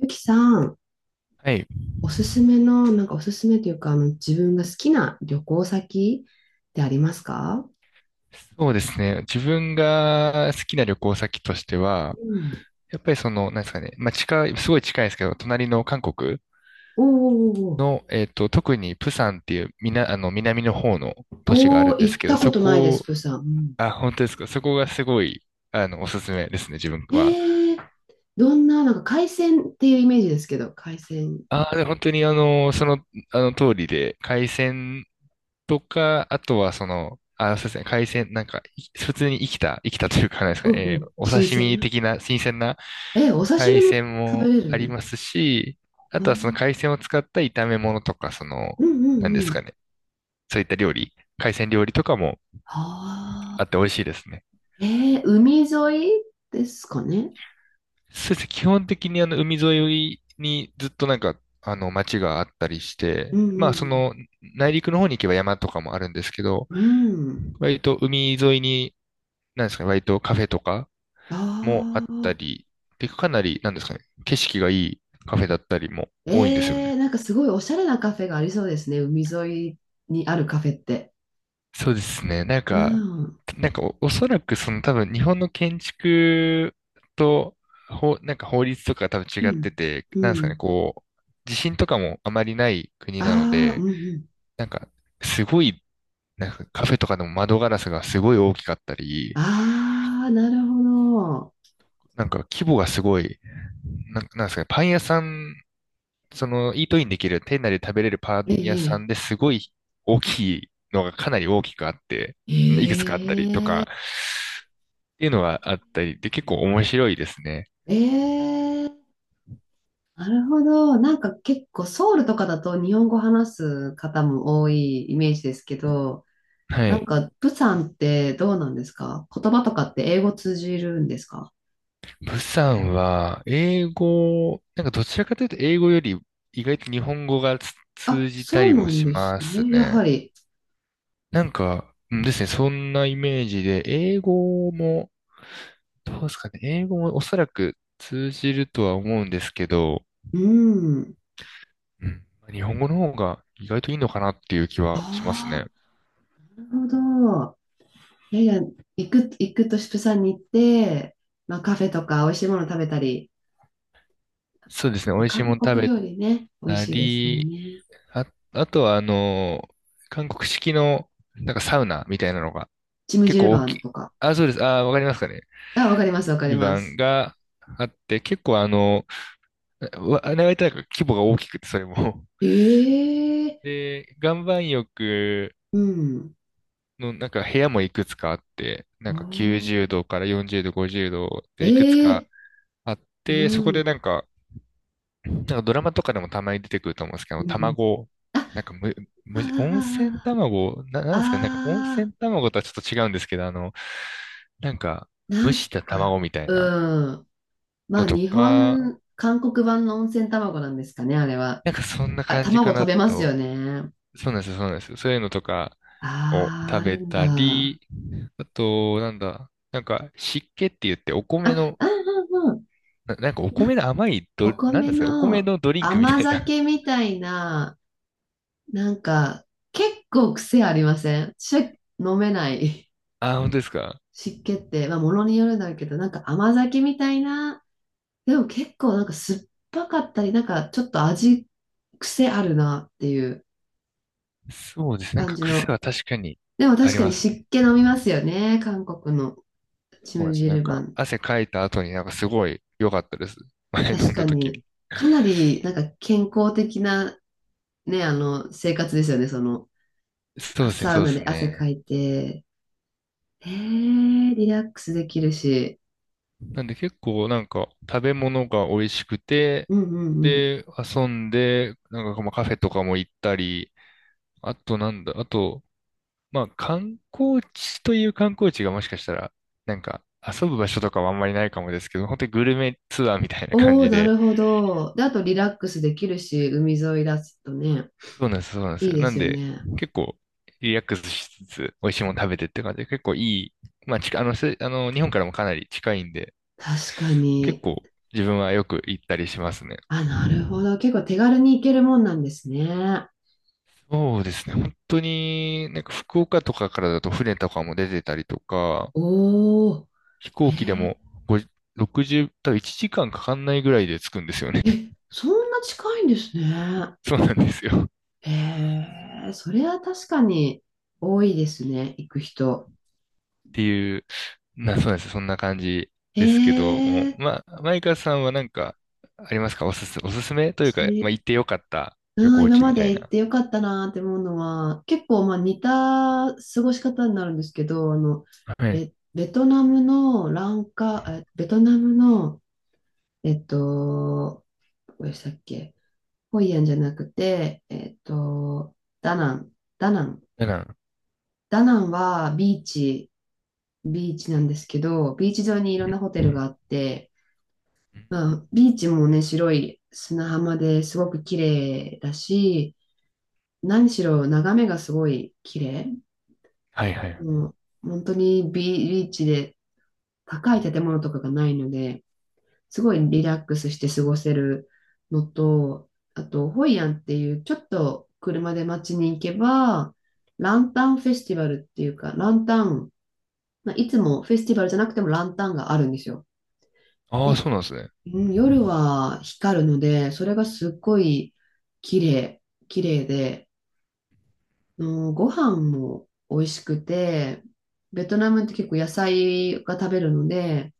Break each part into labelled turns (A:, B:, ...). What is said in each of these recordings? A: ゆきさん、
B: はい。
A: おすすめの、なんかおすすめというか、あの、自分が好きな旅行先ってありますか？
B: そうですね。自分が好きな旅行先としては、
A: うん。
B: やっぱりなんですかね。まあ、近い、すごい近いですけど、隣の韓国
A: おーおー
B: の、特にプサンっていう、南の方の都市があ
A: おー、
B: る
A: お
B: ん
A: ー
B: です
A: 行っ
B: けど、
A: たこ
B: そ
A: とないです、
B: こ、
A: プーさん。うん。
B: あ、本当ですか。そこがすごい、おすすめですね、自分
A: え
B: は。
A: ー、どんな、海鮮っていうイメージですけど、海鮮。
B: ああ、本当にあの通りで、海鮮とか、あとはあ、そうですね、海鮮、普通に生きたというか、なんですか
A: うんう
B: ね、
A: ん、
B: お
A: 新
B: 刺
A: 鮮
B: 身
A: な。
B: 的な新鮮な
A: えー、お刺身
B: 海
A: も
B: 鮮
A: 食べ
B: も
A: れ
B: あり
A: る。
B: ますし、あ
A: う
B: とはその
A: ん、
B: 海鮮を使った炒め物とか、その、
A: うんう
B: なん
A: ん
B: で
A: う
B: す
A: ん。
B: かね、そういった料理、海鮮料理とかも
A: あ
B: あっ
A: あ。
B: て美味しいですね。
A: えー、海沿いですかね。
B: そうですね、基本的に海沿いにずっと町があったりし
A: う
B: て、
A: んうん
B: 内陸の方に行けば山とかもあるんですけど、
A: うん。うん。
B: 割と海沿いに、なんですかね、割とカフェとかもあ
A: あ
B: った
A: あ。
B: り、で、かなり、なんですかね、景色がいいカフェだったりも多いんですよね。
A: えー、なんかすごいおしゃれなカフェがありそうですね、海沿いにあるカフェって。
B: そうですね。
A: うん。
B: おそらくその多分日本の建築と、なんか法律とか多分
A: う
B: 違って
A: ん。
B: て、
A: う
B: なんですかね、
A: ん。
B: こう、地震とかもあまりない国なの
A: ああ、うん
B: で、
A: うん。
B: なんか、すごい、なんかカフェとかでも窓ガラスがすごい大きかったり、
A: ああ、なるほど。
B: なんか規模がすごい、なん、なんですかね、パン屋さん、イートインできる、店内で食べれるパ
A: え
B: ン屋さ
A: え。
B: んですごい大きいのがかなり大きくあって、いくつかあったりと
A: ええ。
B: か、っていうのがあったりで、結構面白いですね。
A: ええ。なるほど。なんか結構ソウルとかだと日本語話す方も多いイメージですけど、
B: は
A: なん
B: い。
A: かプサンってどうなんですか？言葉とかって英語通じるんですか？
B: ブさんは、英語、なんかどちらかというと英語より意外と日本語が通
A: あ、
B: じた
A: そう
B: り
A: な
B: も
A: ん
B: し
A: です
B: ます
A: ね。や
B: ね。
A: はり。
B: そんなイメージで、英語も、どうですかね、英語もおそらく通じるとは思うんですけど、
A: うん。
B: うん。日本語の方が意外といいのかなっていう気はします
A: あ
B: ね。
A: あ、なるほど。いやいや、行くとしプサンに行って、まあ、カフェとか美味しいもの食べたり、
B: そうですね。美味しいも
A: 韓
B: の食
A: 国
B: べ
A: 料理ね、美味
B: た
A: しいですもん
B: り、
A: ね。
B: あ、あとは韓国式のなんかサウナみたいなのが
A: チム
B: 結
A: ジル
B: 構大
A: バ
B: き
A: ン
B: い。
A: とか。
B: あ、そうです。あ、わかりますかね。
A: あ、わかります、わかり
B: 湯
A: ます。
B: 番があって、結構あれはなんか規模が大きくて、それも。
A: ええ。
B: で、岩盤浴
A: うん。
B: のなんか部屋もいくつかあって、
A: お
B: なんか90
A: ー、
B: 度から40度、50度でいくつ
A: え
B: か
A: え。
B: あって、そこ
A: う
B: でな
A: ん。
B: んかなんかドラマとかでもたまに出てくると思うんですけ
A: う
B: ど、
A: ん。
B: 卵、
A: あ、
B: なんかむ、む、温泉
A: あ
B: 卵、な、
A: あ。
B: なんですかね、なんか温
A: あ。
B: 泉
A: あ
B: 卵とはちょっと違うんですけど、なんか、
A: な
B: 蒸
A: ん
B: した
A: か、
B: 卵みたいな
A: うん。まあ、
B: のとか、
A: 韓国版の温泉卵なんですかね、あれは。
B: なんかそんな
A: あ、
B: 感じか
A: 卵食
B: な
A: べますよ
B: と。
A: ね。
B: そうなんですよ、そうなんですよ。そういうのとかを
A: ああ、
B: 食
A: あ
B: べ
A: るんだ。
B: た
A: あ、
B: り、あと、なんだ、なんか湿気って言ってお米
A: あ、
B: の、
A: あ、うんうん。
B: なんかお米
A: な
B: の甘いド、
A: お
B: なん
A: 米
B: ですか、お米
A: の
B: のドリンクみ
A: 甘
B: たいな。
A: 酒みたいな、なんか、結構癖ありませんし、飲めない。
B: あー、本当ですか。
A: 湿気って、まあ、ものによるんだけど、なんか甘酒みたいな、でも結構なんか酸っぱかったり、ちょっと味、癖あるなっていう
B: そうです。なん
A: 感
B: か
A: じ
B: 癖
A: の。
B: は確かに
A: でも
B: あ
A: 確
B: り
A: か
B: ま
A: に
B: す
A: 湿
B: ね。
A: 気飲みますよね、韓国のチ
B: そうなん
A: ム
B: です。
A: ジ
B: なん
A: ルバ
B: か、
A: ン。
B: 汗かいた後になんかすごい良かったです。前飲
A: 確
B: ん
A: か
B: だ時
A: に。
B: に。
A: かなりなんか健康的なね、あの、生活ですよね、その、
B: そう
A: あ
B: ですね、
A: サウ
B: そうで
A: ナ
B: す
A: で汗か
B: ね。
A: いて、えー、リラックスできるし、
B: なんで結構なんか食べ物が美味しくて、
A: うんうんうん。
B: で、遊んで、なんかまあカフェとかも行ったり、あとなんだ、あと、まあ観光地という観光地がもしかしたら、なんか遊ぶ場所とかはあんまりないかもですけど、本当にグルメツアーみたいな感
A: お
B: じ
A: ー、な
B: で、
A: るほど。で、あとリラックスできるし、海沿いだとね、
B: そうなんです、そうなんです
A: いい
B: よ。
A: で
B: な
A: す
B: ん
A: よ
B: で、
A: ね。
B: 結構、リラックスしつつ、美味しいもの食べてって感じで、結構いい、まあ、近あの、せあの、日本からもかなり近いんで、
A: 確か
B: 結
A: に。
B: 構、自分はよく行ったりしますね。
A: あ、なるほど。結構手軽に行けるもんなんですね。
B: そうですね。本当に、なんか福岡とかからだと船とかも出てたりとか、
A: おー、
B: 飛行機でも5、60、多分1時間かんかかんないぐらいで着くんですよね。
A: え、そんな近いんですね。
B: そうなんですよ。
A: えー、それは確かに多いですね、行く人。
B: っていう、な、そうなんです。そんな感じですけど、もう
A: えー、
B: まあ、マイカさんはなんか、ありますか、おすすめというか、まあ、行ってよかった旅
A: うん、
B: 行
A: 今
B: 地
A: ま
B: みた
A: で
B: い
A: 行っ
B: な。
A: てよかったなって思うのは、結構まあ似た過ごし方になるんですけど、あの、
B: はい。
A: え、ベトナムの、えっと、どこでしたっけ？ホイアンじゃなくて、ダナン、ダナン。
B: だから、
A: ダナンはビーチ、ビーチなんですけど、ビーチ上にいろんなホテ
B: う
A: ル
B: ん
A: があって、
B: うん、
A: まあ、ビーチもね、白い砂浜ですごく綺麗だし、何しろ眺めがすごい綺麗。
B: はいはい。
A: もう本当にビーチで高い建物とかがないので、すごいリラックスして過ごせるのと、あと、ホイアンっていうちょっと車で街に行けば、ランタンフェスティバルっていうか、ランタン、まあいつもフェスティバルじゃなくてもランタンがあるんですよ。
B: ああ、
A: で、
B: そうなんですね。
A: うん夜は光るので、それがすっごい綺麗、綺麗で、のご飯も美味しくて、ベトナムって結構野菜が食べるので、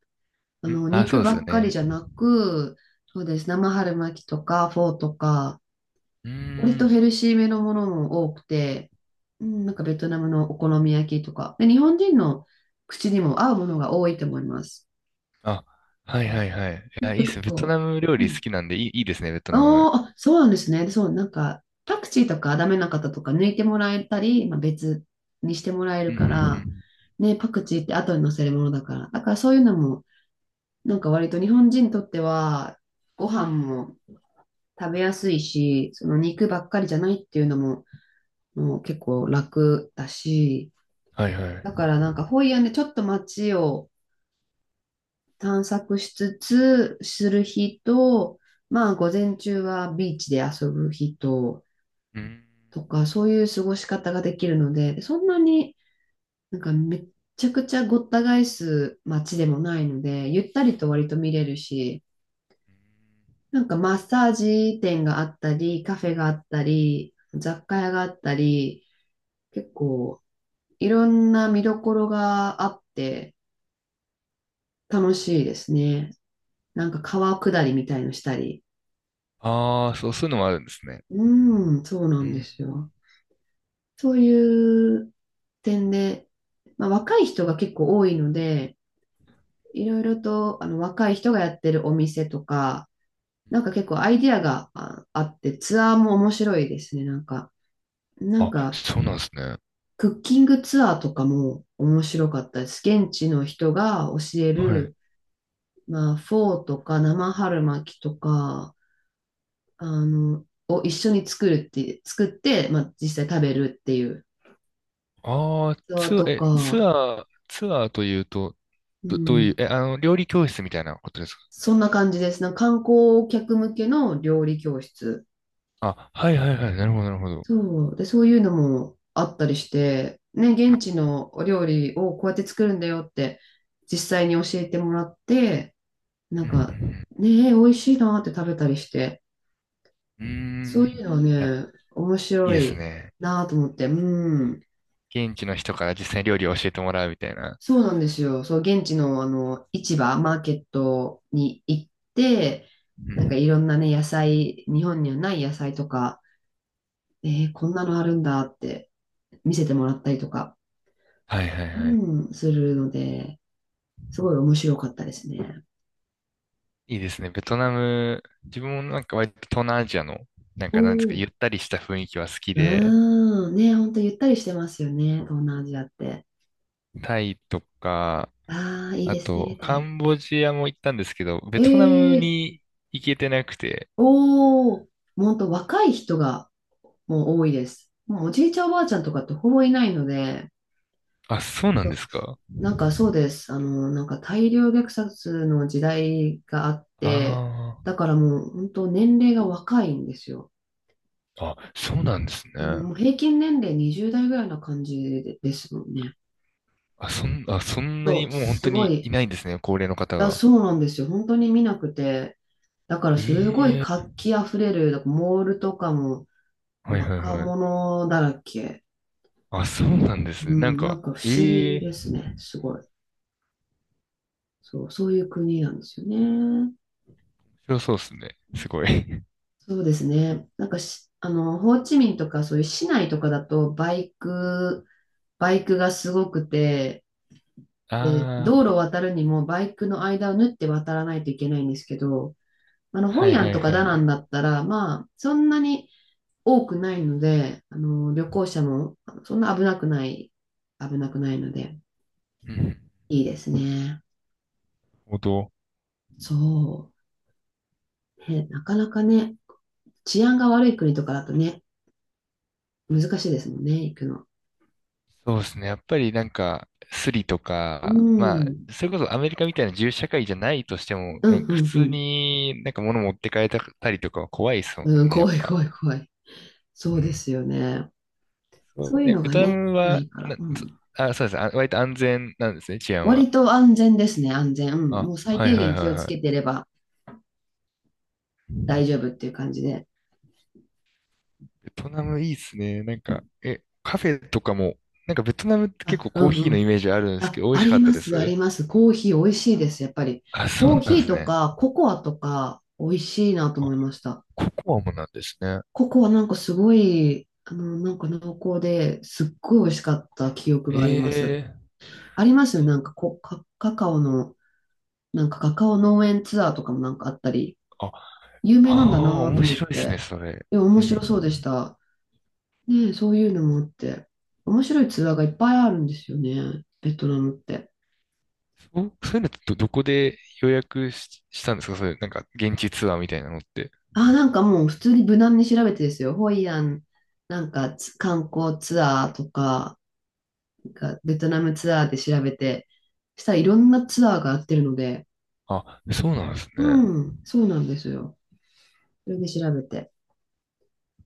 A: あ
B: うん、
A: の
B: ああ、そ
A: 肉
B: うで
A: ば
B: すよ
A: っかり
B: ね。
A: じゃなく、そうです、生春巻きとかフォーとか、
B: うー
A: 割とヘ
B: ん。
A: ルシーめのものも多くて、うん、なんかベトナムのお好み焼きとか、で、日本人の口にも合うものが多いと思います。
B: あ、は
A: う
B: い
A: ん。
B: はいはい。いや、い
A: 結
B: いっす
A: 構
B: ね。ベトナ
A: こ
B: ム料
A: う、う
B: 理好
A: ん、
B: きなんで、いい、いいですね、ベトナム。
A: あーあ、そうなんですね。そう、なんか、パクチーとかダメな方とか抜いてもらえたり、まあ、別にしてもらえ
B: う
A: る
B: んうんう
A: から、
B: ん。
A: ね、パクチーって後に乗せるものだから。だからそういうのも、なんか割と日本人にとっては、ご飯も食べやすいし、その肉ばっかりじゃないっていうのも、もう結構楽だし、
B: はいは
A: だ
B: い。
A: からなんかホイアンでちょっと街を探索しつつする日と、まあ午前中はビーチで遊ぶ日と、
B: うん。
A: とか、そういう過ごし方ができるので、でそんなにめっちゃくちゃごった返す街でもないので、ゆったりと割と見れるし、なんかマッサージ店があったり、カフェがあったり、雑貨屋があったり、結構いろんな見どころがあって楽しいですね。なんか川下りみたいのしたり。
B: ああ、そう、そういうのもあるんですね。
A: うん、そうな
B: う
A: んで
B: ん。
A: すよ。そういう点で、まあ、若い人が結構多いので、いろいろとあの若い人がやってるお店とか、なんか結構アイディアがああって、ツアーも面白いですね。なんか、なん
B: あ、
A: か、
B: そうなんですね。
A: クッキングツアーとかも面白かったです。現地の人が教え
B: はい。
A: る、まあ、フォーとか生春巻きとか、あの、を一緒に作るって、作って、まあ、実際食べるっていう
B: ああ、
A: ツアー
B: ツアー、
A: と
B: え、
A: か、
B: ツアーというと、
A: う
B: どういう、
A: ん、
B: え、あの、料理教室みたいなことですか？
A: そんな感じです。なんか観光客向けの料理教室。
B: あ、はいはいはい、なるほど、なるほど。
A: そう。で、そういうのもあったりして、ね、現地のお料理をこうやって作るんだよって、実際に教えてもらって、な
B: う
A: ん
B: ん
A: か、
B: う
A: ね、え美味しいなって食べたりして、
B: んう
A: そういう
B: ん、
A: のは
B: うーん、いや、
A: ね、面
B: いい
A: 白
B: です
A: い
B: ね。
A: なと思って、うん。
B: 現地の人から実際に料理を教えてもらうみたいな。
A: そうなんですよ。そう、現地のあの、市場、マーケットに行って、
B: う
A: なんか
B: ん、
A: いろんなね、日本にはない野菜とか、えーこんなのあるんだって見せてもらったりとか、
B: はいはいはい。
A: うん、するので、すごい面白かったですね。
B: いいですね。ベトナム、自分もなんか割と東南アジアの、なん
A: お
B: かなんですか、
A: お、
B: ゆったりした雰囲気は好きで、
A: うん、ね、ほんとゆったりしてますよね、東南アジアって。
B: タイとか、
A: ああ、いい
B: あ
A: ですね、
B: と、
A: タ
B: カ
A: イ。
B: ンボジアも行ったんですけど、ベトナム
A: ええ。
B: に行けてなくて、
A: おお、ほんと若い人がもう多いです。もうおじいちゃんおばあちゃんとかってほぼいないので、
B: あ、そうなん
A: そ
B: で
A: う、
B: すか。
A: なんかそうです。あの、なんか大量虐殺の時代があって、
B: あ
A: だからもう本当年齢が若いんですよ。
B: あ、あ、そうなんですね。
A: もうもう平均年齢20代ぐらいな感じでですもんね。
B: あ、そん、あ、そんな
A: そ
B: に
A: う、
B: もう本
A: す
B: 当
A: ご
B: にい
A: い。
B: ないんですね、高齢の方
A: だ、
B: が。
A: そうなんですよ。本当に見なくて。だからすごい
B: ええ、
A: 活気あふれる、だからモールとかも
B: はいはい
A: 若
B: はい。
A: 者だらけ。
B: あ、そうなんです
A: う
B: ね。なん
A: ん、な
B: か、
A: んか不思
B: え
A: 議
B: え、
A: です
B: 面
A: ね。すごい。そう、そういう国なんですよね。うん。
B: 白そうですね。すごい。
A: そうですね。なんかし、あの、ホーチミンとかそういう市内とかだとバイクがすごくて、で
B: あ
A: 道路を渡るにもバイクの間を縫って渡らないといけないんですけど、あの、
B: あ、
A: ホ
B: はい
A: イア
B: は
A: ン
B: い
A: とか
B: は
A: ダナ
B: い。
A: ンだったら、まあ、そんなに多くないので、あの、旅行者もあのそんな危なくない、危なくないので、
B: うん。なる
A: いいですね。
B: ほど。
A: そう。ね、なかなかね、治安が悪い国とかだとね、難しいですもんね、行くの。
B: そうですね。やっぱりなんか、スリと
A: う
B: か、まあ、
A: ん。
B: それこそアメリカみたいな自由社会じゃないとしても、
A: う
B: なん
A: ん、う
B: か普
A: ん、う
B: 通
A: ん。
B: になんか物持って帰ったりとかは怖いですもん
A: うん、
B: ね、やっ
A: 怖い、
B: ぱ。
A: 怖い、怖い。そ
B: う
A: うで
B: ん、
A: すよね。
B: そ
A: そう
B: う
A: いう
B: え、
A: の
B: ベ
A: が
B: トナ
A: ね、
B: ム
A: な
B: は、
A: いから。
B: な、
A: う
B: そ
A: ん。
B: あ、そうです。あ、割と安全なんですね、治安は。
A: 割と安全ですね、安全。うん。
B: あ、
A: もう最
B: はい
A: 低
B: はい
A: 限
B: は
A: 気を
B: い
A: つ
B: は
A: け
B: い。
A: てれば大丈夫っていう感じで。
B: ベトナムいいっすね。なんか、え、カフェとかも、なんかベトナムって結
A: あ、
B: 構コーヒ
A: う
B: ーのイ
A: ん、
B: メージあるんですけ
A: あ、
B: ど、美
A: あ
B: 味しか
A: り
B: った
A: ま
B: で
A: す、あ
B: す。
A: ります。コーヒー美味しいです、やっぱり。
B: あ、そう
A: コー
B: なんで
A: ヒー
B: す
A: と
B: ね。
A: かココアとか美味しいなと
B: あ、
A: 思いました。
B: ココアもなんですね。
A: ココアなんかすごい、あの、なんか濃厚ですっごい美味しかった記憶
B: え
A: があります。
B: え、
A: ありますよ、なんかこ、カカカオの、なんかカカオ農園ツアーとかもなんかあったり、
B: あ、
A: 有
B: あ
A: 名なんだ
B: あ、
A: なと
B: 面
A: 思っ
B: 白いですね、
A: て。
B: それ。
A: いや面
B: う
A: 白
B: ん。
A: そうでした。ねえ、そういうのもあって。面白いツアーがいっぱいあるんですよね、ベトナムって。
B: そう、そういうのってこで予約し、したんですか、そういう、なんか、現地ツアーみたいなのって。
A: あ、なんかもう普通に無難に調べてですよ。ホイアン、なんかつ観光ツアーとか、なんかベトナムツアーで調べて、したらいろんなツアーがやってるので、
B: あ、そうなんです
A: う
B: ね。
A: ん、そうなんですよ。それで調べて。